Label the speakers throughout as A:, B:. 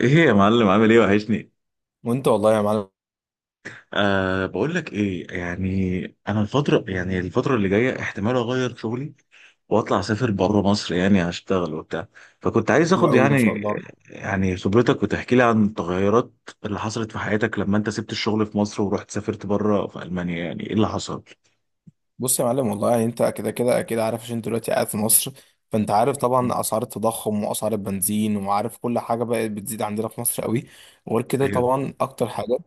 A: ايه يا معلم، عامل ايه؟ وحشني.
B: وانت والله يا معلم.
A: بقول لك ايه، يعني انا الفتره اللي جايه، احتمال اغير شغلي واطلع اسافر بره مصر، يعني اشتغل وبتاع. فكنت عايز
B: حلو
A: اخد،
B: قوي، ما
A: يعني
B: شاء الله.
A: خبرتك وتحكي لي عن التغيرات اللي حصلت في حياتك لما انت سبت الشغل في مصر ورحت سافرت بره في المانيا، يعني ايه اللي حصل؟
B: بص يا معلم، والله يعني انت كده كده اكيد عارف، عشان انت دلوقتي قاعد في مصر. فانت عارف طبعا اسعار التضخم واسعار البنزين، وعارف كل حاجه بقت بتزيد عندنا في مصر قوي. وغير كده
A: ايوه.
B: طبعا اكتر حاجات.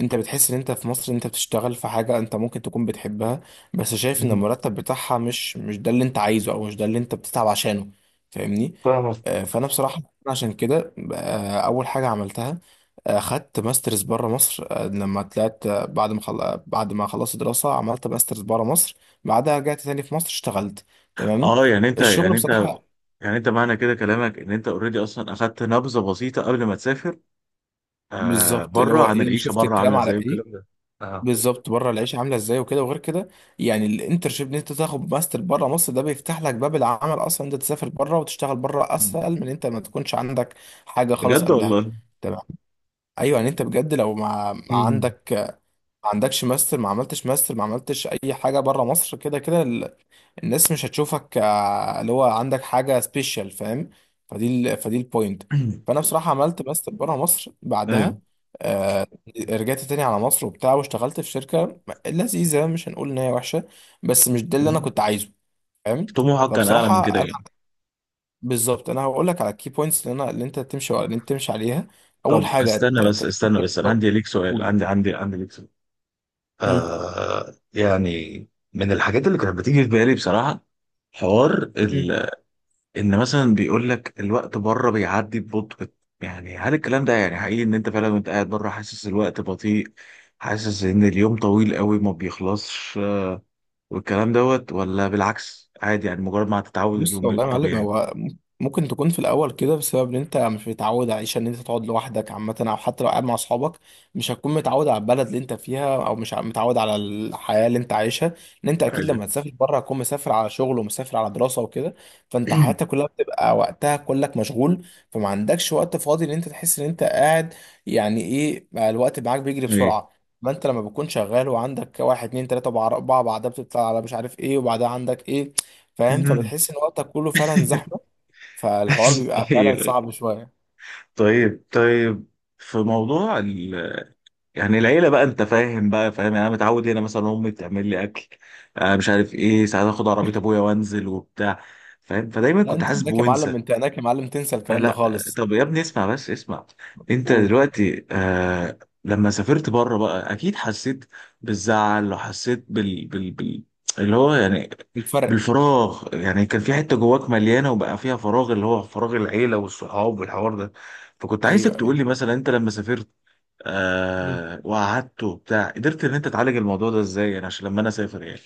B: انت بتحس ان انت في مصر انت بتشتغل في حاجة انت ممكن تكون بتحبها، بس شايف ان المرتب بتاعها مش ده اللي انت عايزه، او مش ده اللي انت بتتعب عشانه. فاهمني؟
A: فاهمك.
B: فانا بصراحة عشان كده، اول حاجة عملتها، خدت ماسترز بره مصر. لما طلعت، بعد ما خلصت دراسة، عملت ماسترز بره مصر. بعدها رجعت تاني في مصر، اشتغلت. تمام.
A: اه،
B: الشغل بصراحة
A: يعني انت، معنى كده كلامك ان انت اوريدي اصلا اخدت نبذه بسيطه قبل ما تسافر،
B: بالظبط اللي
A: بره،
B: هو
A: عن
B: ايه، انا
A: العيشه
B: شفت
A: بره
B: الكلام
A: عامله
B: على
A: ازاي والكلام
B: ايه
A: ده. اه.
B: بالظبط، بره العيشه عامله ازاي وكده. وغير كده يعني الانترشيب ان انت تاخد ماستر بره مصر، ده بيفتح لك باب العمل. اصلا انت تسافر بره وتشتغل بره
A: مم.
B: اسهل من انت ما تكونش عندك حاجه خالص
A: بجد
B: قبلها.
A: والله.
B: تمام. ايوه يعني انت بجد لو ما
A: مم.
B: عندك، ما عندكش ماستر، ما عملتش ماستر، ما عملتش اي حاجه بره مصر، كده كده الناس مش هتشوفك اللي هو عندك حاجة سبيشال. فاهم؟ فدي البوينت. فأنا بصراحة عملت ماستر بره مصر،
A: ايوه.
B: بعدها آه رجعت تاني على مصر وبتاع، واشتغلت في شركة لذيذة، مش هنقول إن هي وحشة، بس مش ده اللي أنا
A: مم.
B: كنت عايزه. فاهم؟
A: طموحك كان اعلى من كده،
B: فبصراحة أنا
A: يعني.
B: بالظبط أنا هقول لك على الكي بوينتس اللي أنت تمشي عليها. أول
A: طب
B: حاجة
A: استنى بس استنى بس انا عندي ليك سؤال.
B: قول.
A: يعني من الحاجات اللي كانت بتيجي في بالي بصراحه، حوار
B: مم.
A: ال... ان مثلا بيقول لك الوقت بره بيعدي ببطء، يعني هل الكلام ده يعني حقيقي، ان انت فعلا وانت قاعد بره حاسس الوقت بطيء، حاسس ان اليوم طويل قوي ما بيخلصش والكلام دوت؟ ولا بالعكس عادي، يعني مجرد ما هتتعود
B: بص
A: اليوم
B: والله
A: بيبقى
B: يا معلم،
A: طبيعي؟
B: هو ممكن تكون في الاول كده بسبب ان انت مش متعود عايش ان انت تقعد لوحدك عامه، او حتى لو قاعد مع اصحابك، مش هتكون متعود على البلد اللي انت فيها، او مش متعود على الحياه اللي انت عايشها. ان انت اكيد
A: ايوه.
B: لما تسافر بره هتكون مسافر على شغل ومسافر على دراسه وكده. فانت حياتك كلها بتبقى وقتها كلك مشغول، فما عندكش وقت فاضي ان انت تحس ان انت قاعد. يعني ايه بقى، الوقت معاك بيجري
A: ايوه.
B: بسرعه. ما انت لما بتكون شغال وعندك واحد اتنين تلاته اربعه، بعدها بتطلع على مش عارف ايه، وبعدها عندك ايه. فاهم؟
A: مم.
B: فبتحس ان وقتك كله فعلا زحمه. فالحوار بيبقى فعلا
A: أيوه.
B: صعب شويه.
A: طيب، طيب، في موضوع ال... يعني العيله بقى، انت فاهم، يعني انا متعود هنا مثلا امي تعمل لي اكل، مش عارف ايه، ساعات اخد عربيه ابويا وانزل وبتاع. فاهم. فدايما
B: لا،
A: كنت
B: انت
A: حاسس
B: هناك يا
A: بونس.
B: معلم، انت هناك يا معلم، تنسى الكلام ده
A: لا.
B: خالص.
A: طب يا ابني، اسمع بس اسمع. انت
B: قول.
A: دلوقتي لما سافرت بره، بقى اكيد حسيت بالزعل، وحسيت اللي هو يعني
B: الفرق.
A: بالفراغ، يعني كان في حتة جواك مليانة وبقى فيها فراغ، اللي هو فراغ العيلة والصحاب والحوار ده. فكنت عايزك تقول
B: ايوه،
A: لي مثلا انت لما سافرت
B: ايوه.
A: وقعدت وبتاع، قدرت ان انت تعالج الموضوع ده ازاي؟ يعني عشان لما انا اسافر، يعني.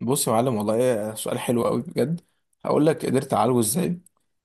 B: بص يا معلم، والله سؤال حلو قوي بجد. هقول لك قدرت اعالجه ازاي.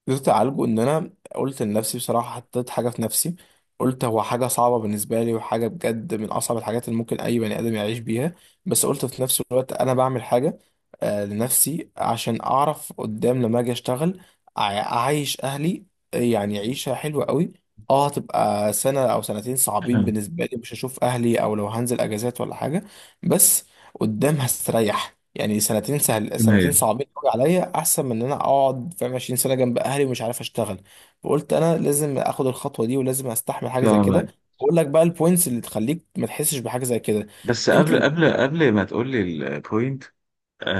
B: قدرت اعالجه ان انا قلت لنفسي بصراحه، حطيت حاجه في نفسي، قلت هو حاجه صعبه بالنسبه لي، وحاجه بجد من اصعب الحاجات اللي ممكن اي بني ادم يعيش بيها، بس قلت في نفس الوقت انا بعمل حاجه لنفسي، عشان اعرف قدام لما اجي اشتغل اعيش اهلي يعني عيشه حلوه قوي. اه، هتبقى سنه او سنتين صعبين بالنسبه لي، مش هشوف اهلي، او لو هنزل اجازات ولا حاجه، بس قدام هستريح. يعني سنتين سهل، سنتين صعبين قوي عليا احسن من ان انا اقعد فاهم 20 سنه جنب اهلي ومش عارف اشتغل. فقلت انا لازم اخد الخطوه دي، ولازم استحمل حاجه زي
A: تمام.
B: كده. اقول لك بقى البوينتس اللي تخليك ما تحسش بحاجه زي كده.
A: بس
B: انت
A: قبل
B: لما...
A: قبل قبل ما تقول لي البوينت،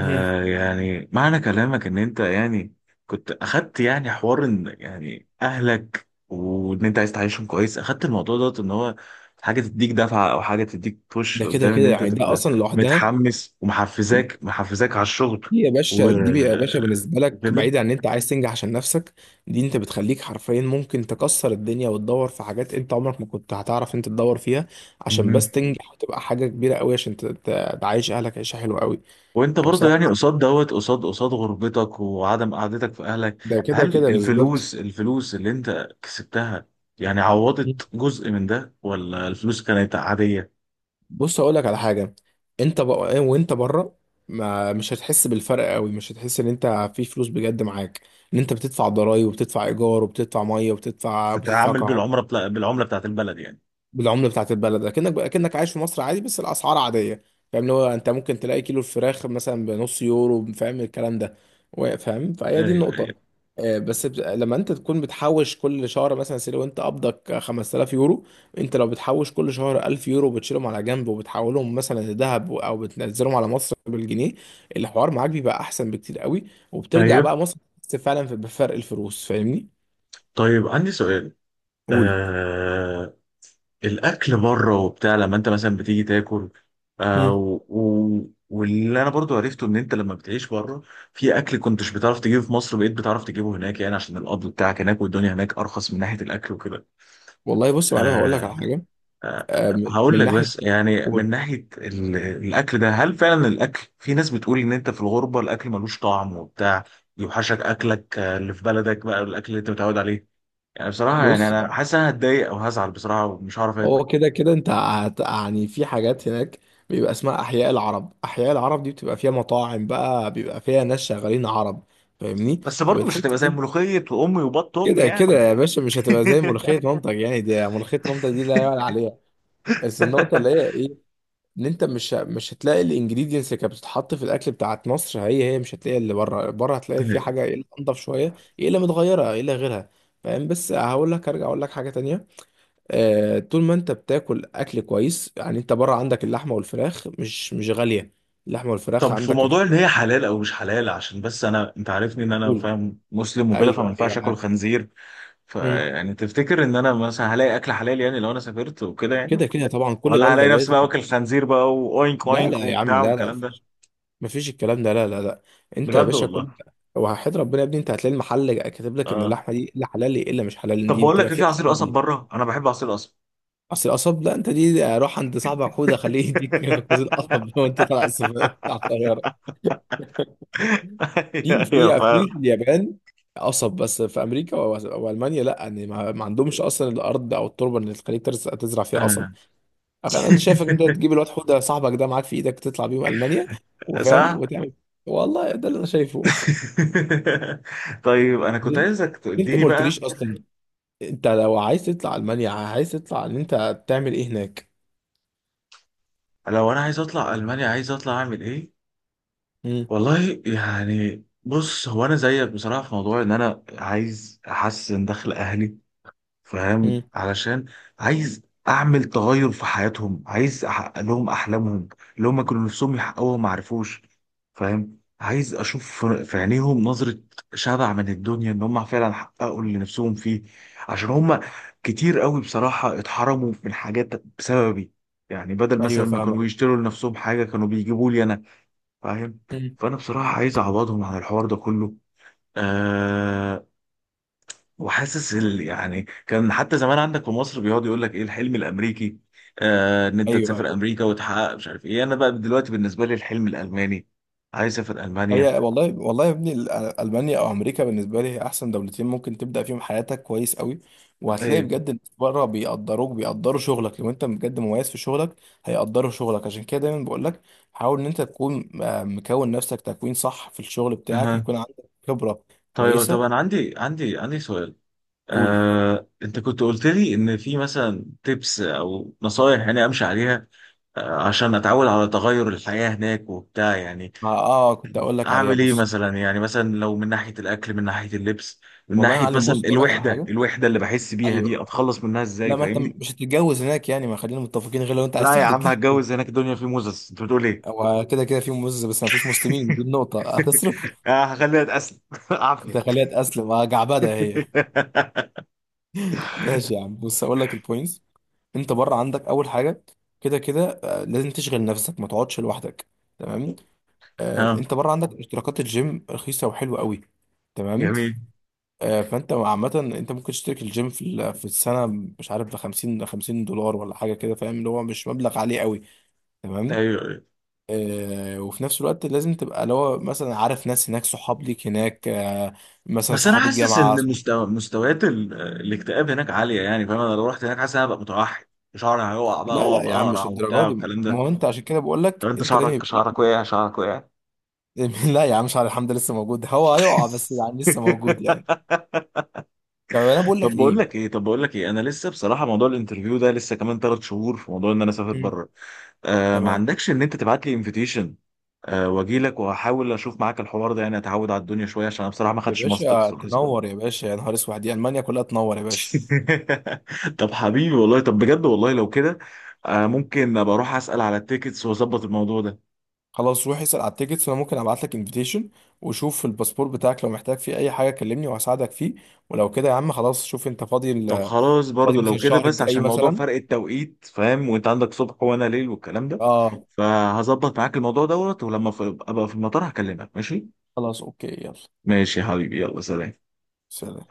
B: مهم.
A: يعني معنى كلامك ان انت يعني كنت اخدت يعني حوار، ان يعني اهلك وان انت عايز تعيشهم كويس، اخدت الموضوع دوت ان هو حاجه تديك دفعه، او حاجه تديك بوش
B: ده كده
A: لقدام،
B: كده
A: ان انت
B: يعني ده
A: تبقى
B: اصلا لوحدها.
A: متحمس ومحفزاك على الشغل
B: دي يا
A: و-
B: باشا، دي يا باشا، بالنسبه لك
A: وكده
B: بعيد عن ان انت عايز تنجح عشان نفسك، دي انت بتخليك حرفيا ممكن تكسر الدنيا، وتدور في حاجات انت عمرك ما كنت هتعرف انت تدور فيها، عشان
A: مهم.
B: بس تنجح وتبقى حاجه كبيره قوي، عشان تعيش اهلك عيشه حلوه قوي.
A: وانت برضه يعني
B: فبصراحه
A: قصاد دوت، قصاد غربتك وعدم قعدتك في اهلك،
B: ده كده
A: هل
B: كده
A: الفلوس
B: بالظبط.
A: الفلوس اللي انت كسبتها يعني عوضت جزء من ده، ولا الفلوس كانت عادية؟
B: بص اقول لك على حاجه، انت بقى وانت بره ما مش هتحس بالفرق قوي، مش هتحس ان انت في فلوس بجد معاك، ان انت بتدفع ضرايب، وبتدفع ايجار، وبتدفع ميه، وبتدفع
A: تتعامل
B: كهرباء.
A: بالعمله بتاعت البلد، يعني.
B: بالعمله بتاعت البلد، اكنك عايش في مصر عادي، بس الاسعار عاديه. فاهم؟ اللي هو انت ممكن تلاقي كيلو الفراخ مثلا بنص يورو. فاهم الكلام ده؟ فاهم؟ فهي دي
A: ايوه،
B: النقطه.
A: ايوه.
B: لما انت تكون بتحوش كل شهر، مثلا سي، لو انت قبضك 5000 يورو، انت لو بتحوش كل شهر 1000 يورو بتشيلهم على جنب، وبتحولهم مثلا لذهب، او بتنزلهم على مصر بالجنيه، الحوار معاك بيبقى احسن بكتير قوي. وبترجع
A: طيب،
B: بقى مصر، تحس فعلا بفرق الفلوس. فاهمني؟
A: طيب، عندي سؤال.
B: قول.
A: آه الاكل بره وبتاع، لما انت مثلا بتيجي تاكل،
B: مم.
A: واللي انا برضو عرفته ان انت لما بتعيش بره، في اكل كنتش بتعرف تجيبه في مصر بقيت بتعرف تجيبه هناك، يعني عشان القبض بتاعك هناك والدنيا هناك ارخص من ناحيه الاكل وكده.
B: والله بص يا معلم، هقول لك على
A: آه...
B: حاجه من
A: هقول لك
B: ناحيه.
A: بس، يعني
B: قول.
A: من ناحية الأكل ده، هل فعلا الأكل، في ناس بتقول إن أنت في الغربة الأكل ملوش طعم وبتاع، يوحشك أكلك اللي في بلدك، بقى الأكل اللي أنت متعود عليه. يعني بصراحة، يعني
B: بص
A: أنا حاسس إن أنا هتضايق أو هزعل بصراحة ومش هعرف آكل.
B: هو كده كده انت يعني في حاجات هناك بيبقى اسمها احياء العرب. دي بتبقى فيها مطاعم بقى، بيبقى فيها ناس شغالين عرب. فاهمني؟
A: بس برضه مش
B: فبتحس
A: هتبقى زي ملوخية وأمي وبط أمي،
B: كده كده
A: يعني.
B: يا باشا، مش هتبقى زي ملوخية مامتك. يعني دي ملوخية مامتك، دي لا يعلى عليها. بس النقطة اللي هي ايه؟ ان انت مش هتلاقي الانجريدينتس اللي كانت بتتحط في الاكل بتاعت مصر هي هي. مش هتلاقي اللي بره. بره هتلاقي في حاجة ايه اللي انضف شوية، ايه اللي متغيرة، ايه اللي غيرها. فاهم؟ بس هقول لك، ارجع اقول لك حاجة تانية. طول ما انت بتاكل اكل كويس، يعني انت بره عندك اللحمه والفراخ مش غاليه. اللحمه والفراخ
A: طب في
B: عندك
A: موضوع إن
B: الكيلو...
A: هي حلال أو مش حلال، عشان بس أنت عارفني إن أنا
B: بقول.
A: فاهم مسلم وكده، فما
B: ايوه، ايوه،
A: ينفعش آكل
B: عارف.
A: خنزير.
B: مم.
A: فيعني تفتكر إن أنا مثلا هلاقي أكل حلال، يعني لو أنا سافرت وكده، يعني؟
B: كده كده طبعا، كل
A: ولا
B: بلده
A: هلاقي نفسي
B: لازم.
A: بقى واكل خنزير بقى، واوينك
B: لا
A: اوينك
B: لا يا عم،
A: وبتاع
B: لا لا،
A: والكلام ده؟
B: مفيش. مفيش الكلام ده، لا لا لا. انت يا
A: بجد
B: باشا
A: والله.
B: كل، وحياة ربنا يا ابني انت هتلاقي المحل كاتب لك ان
A: اه،
B: اللحمه دي لا حلال الا مش حلال.
A: طب
B: دي
A: بقول لك
B: بتبقى
A: إيه، في
B: فيها
A: عصير
B: قصب،
A: قصب
B: دي
A: بره؟ انا بحب عصير قصب.
B: اصل القصب. لا، انت دي روح عند صاحبك، خد خليه يديك جوز القصب وانت طالع السفارة.
A: ايوه،
B: في
A: أيوة،
B: اليابان قصب، بس في امريكا والمانيا لا. ان ما عندهمش اصلا الارض او التربه اللي تخليك تزرع فيها
A: فاهم.
B: قصب.
A: آه.
B: انا شايفك انت تجيب الواد حوده صاحبك ده معاك في ايدك تطلع بيهم المانيا وفاهم،
A: صح.
B: وتعمل... والله ده اللي انا شايفه.
A: طيب انا كنت
B: ليه-
A: عايزك
B: ليه انت
A: تديني
B: ما
A: بقى.
B: قلتليش اصلا؟ انت لو عايز تطلع المانيا، عايز تطلع ان انت تعمل ايه هناك؟
A: لو انا عايز اطلع المانيا، عايز اطلع اعمل ايه؟
B: امم
A: والله يعني بص، هو انا زيك بصراحه في موضوع ان انا عايز احسن دخل اهلي، فاهم؟
B: امم
A: علشان عايز اعمل تغير في حياتهم، عايز احقق لهم احلامهم اللي هم كانوا نفسهم يحققوها ما عرفوش. فاهم؟ عايز اشوف في عينيهم نظرة شبع من الدنيا، ان هم فعلا حققوا اللي نفسهم فيه، عشان هم كتير قوي بصراحة اتحرموا من حاجات بسببي، يعني بدل
B: ايوه،
A: مثلا ما كانوا
B: فاهمك.
A: يشتروا لنفسهم حاجة كانوا بيجيبوا لي انا. فاهم؟
B: امم
A: فانا بصراحة عايز اعوضهم عن الحوار ده كله. آه وحاسس يعني كان حتى زمان عندك في مصر بيقعد يقول لك ايه الحلم الامريكي، ان انت
B: ايوه.
A: تسافر امريكا وتحقق مش عارف ايه. انا بقى دلوقتي بالنسبه لي الحلم الالماني، عايز اسافر المانيا.
B: هي والله، والله يا ابني ألمانيا أو أمريكا بالنسبة لي هي أحسن دولتين ممكن تبدأ فيهم حياتك كويس قوي. وهتلاقي
A: ايه.
B: بجد الناس بره بيقدروك، بيقدروا شغلك لو أنت بجد مميز في شغلك. هيقدروا شغلك. عشان كده دايما بقول لك، حاول إن أنت تكون مكون نفسك تكوين صح في الشغل بتاعك،
A: أها.
B: يكون عندك خبرة
A: طيب، طب انا
B: كويسة.
A: عندي سؤال،
B: قول.
A: انت كنت قلت لي ان في مثلا تيبس او نصايح يعني امشي عليها، عشان اتعود على تغير الحياه هناك وبتاع، يعني.
B: ما كنت أقول لك عليها.
A: اعمل ايه
B: بص
A: مثلا؟ يعني مثلا لو من ناحيه الاكل، من ناحيه اللبس، من
B: والله يا
A: ناحيه
B: معلم،
A: مثلا
B: بص أقول لك على
A: الوحده
B: حاجة.
A: الوحده اللي بحس بيها دي،
B: أيوه.
A: اتخلص منها ازاي؟
B: لا، ما أنت
A: فاهمني.
B: مش هتتجوز هناك يعني، ما خلينا متفقين، غير لو أنت عايز
A: لا يا
B: تاخد
A: عم، هتجوز
B: الجنسية.
A: هناك، الدنيا في موزس، انت بتقول ايه؟
B: هو كده كده في موز، بس ما فيش مسلمين، دي النقطة. هتصرف؟
A: آه، هخليها اتقسم.
B: انت
A: عافيه.
B: خليها تأسلم جعبدة هي. ماشي يا عم، بص هقول لك البوينتس. انت بره عندك أول حاجة، كده كده لازم تشغل نفسك، ما تقعدش لوحدك. تمام.
A: اه.
B: انت بره عندك اشتراكات الجيم رخيصة وحلوة قوي. تمام.
A: جميل.
B: فانت عامة انت ممكن تشترك الجيم في السنة، مش عارف ب 50 50 دولار ولا حاجة كده. فاهم؟ اللي هو مش مبلغ عالي قوي. تمام.
A: ايوه، أيوة.
B: وفي نفس الوقت لازم تبقى اللي هو مثلا عارف ناس هناك، صحاب ليك هناك مثلا
A: بس انا
B: صحاب
A: حاسس
B: الجامعة
A: ان
B: صح...
A: مستويات الاكتئاب هناك عاليه، يعني. فاهم؟ انا لو رحت هناك حاسس ان انا هبقى متوحد، شعري هيقع بقى
B: لا لا
A: وابقى
B: يا عم،
A: اقرع
B: مش
A: وبتاع
B: الدرجة دي.
A: والكلام
B: ما
A: ده.
B: هو انت عشان كده بقول
A: طب
B: لك،
A: انت،
B: انت لازم
A: شعرك
B: يبقى ليك.
A: شعرك وقع؟ شعرك وقع؟
B: لا يا عم، مش على. الحمد لله لسه موجود. هو هيقع، بس يعني لسه موجود يعني. طب انا بقول لك
A: طب بقول
B: ايه.
A: لك ايه طب بقول لك ايه انا لسه بصراحه، موضوع الانترفيو ده لسه كمان 3 شهور، في موضوع ان انا اسافر
B: مم.
A: بره، ما
B: تمام.
A: عندكش ان انت تبعت لي انفيتيشن؟ واجي لك واحاول اشوف معاك الحوار ده، يعني اتعود على الدنيا شويه، عشان انا بصراحه ما
B: يا
A: خدتش
B: باشا
A: ماسترز ولا حاجة زي كده.
B: تنور، يا باشا يا نهار اسود، دي المانيا كلها تنور يا باشا.
A: طب حبيبي والله، طب بجد والله لو كده، ممكن ابقى اروح اسال على التيكتس واظبط الموضوع ده.
B: خلاص، روح اسال على التيكتس، وانا ممكن ابعت لك انفيتيشن، وشوف الباسبور بتاعك لو محتاج فيه اي حاجه كلمني وهساعدك فيه. ولو كده يا عم خلاص، شوف انت فاضي.
A: طب خلاص
B: فاضي
A: برضو
B: مثلا
A: لو كده،
B: الشهر
A: بس
B: الجاي
A: عشان موضوع
B: مثلا.
A: فرق التوقيت، فاهم، وانت عندك صبح وانا ليل والكلام ده،
B: اه.
A: فهظبط معاك الموضوع دوت، ولما ابقى في المطار هكلمك، ماشي؟
B: خلاص، اوكي يلا.
A: ماشي يا حبيبي، يلا، سلام.
B: سلام.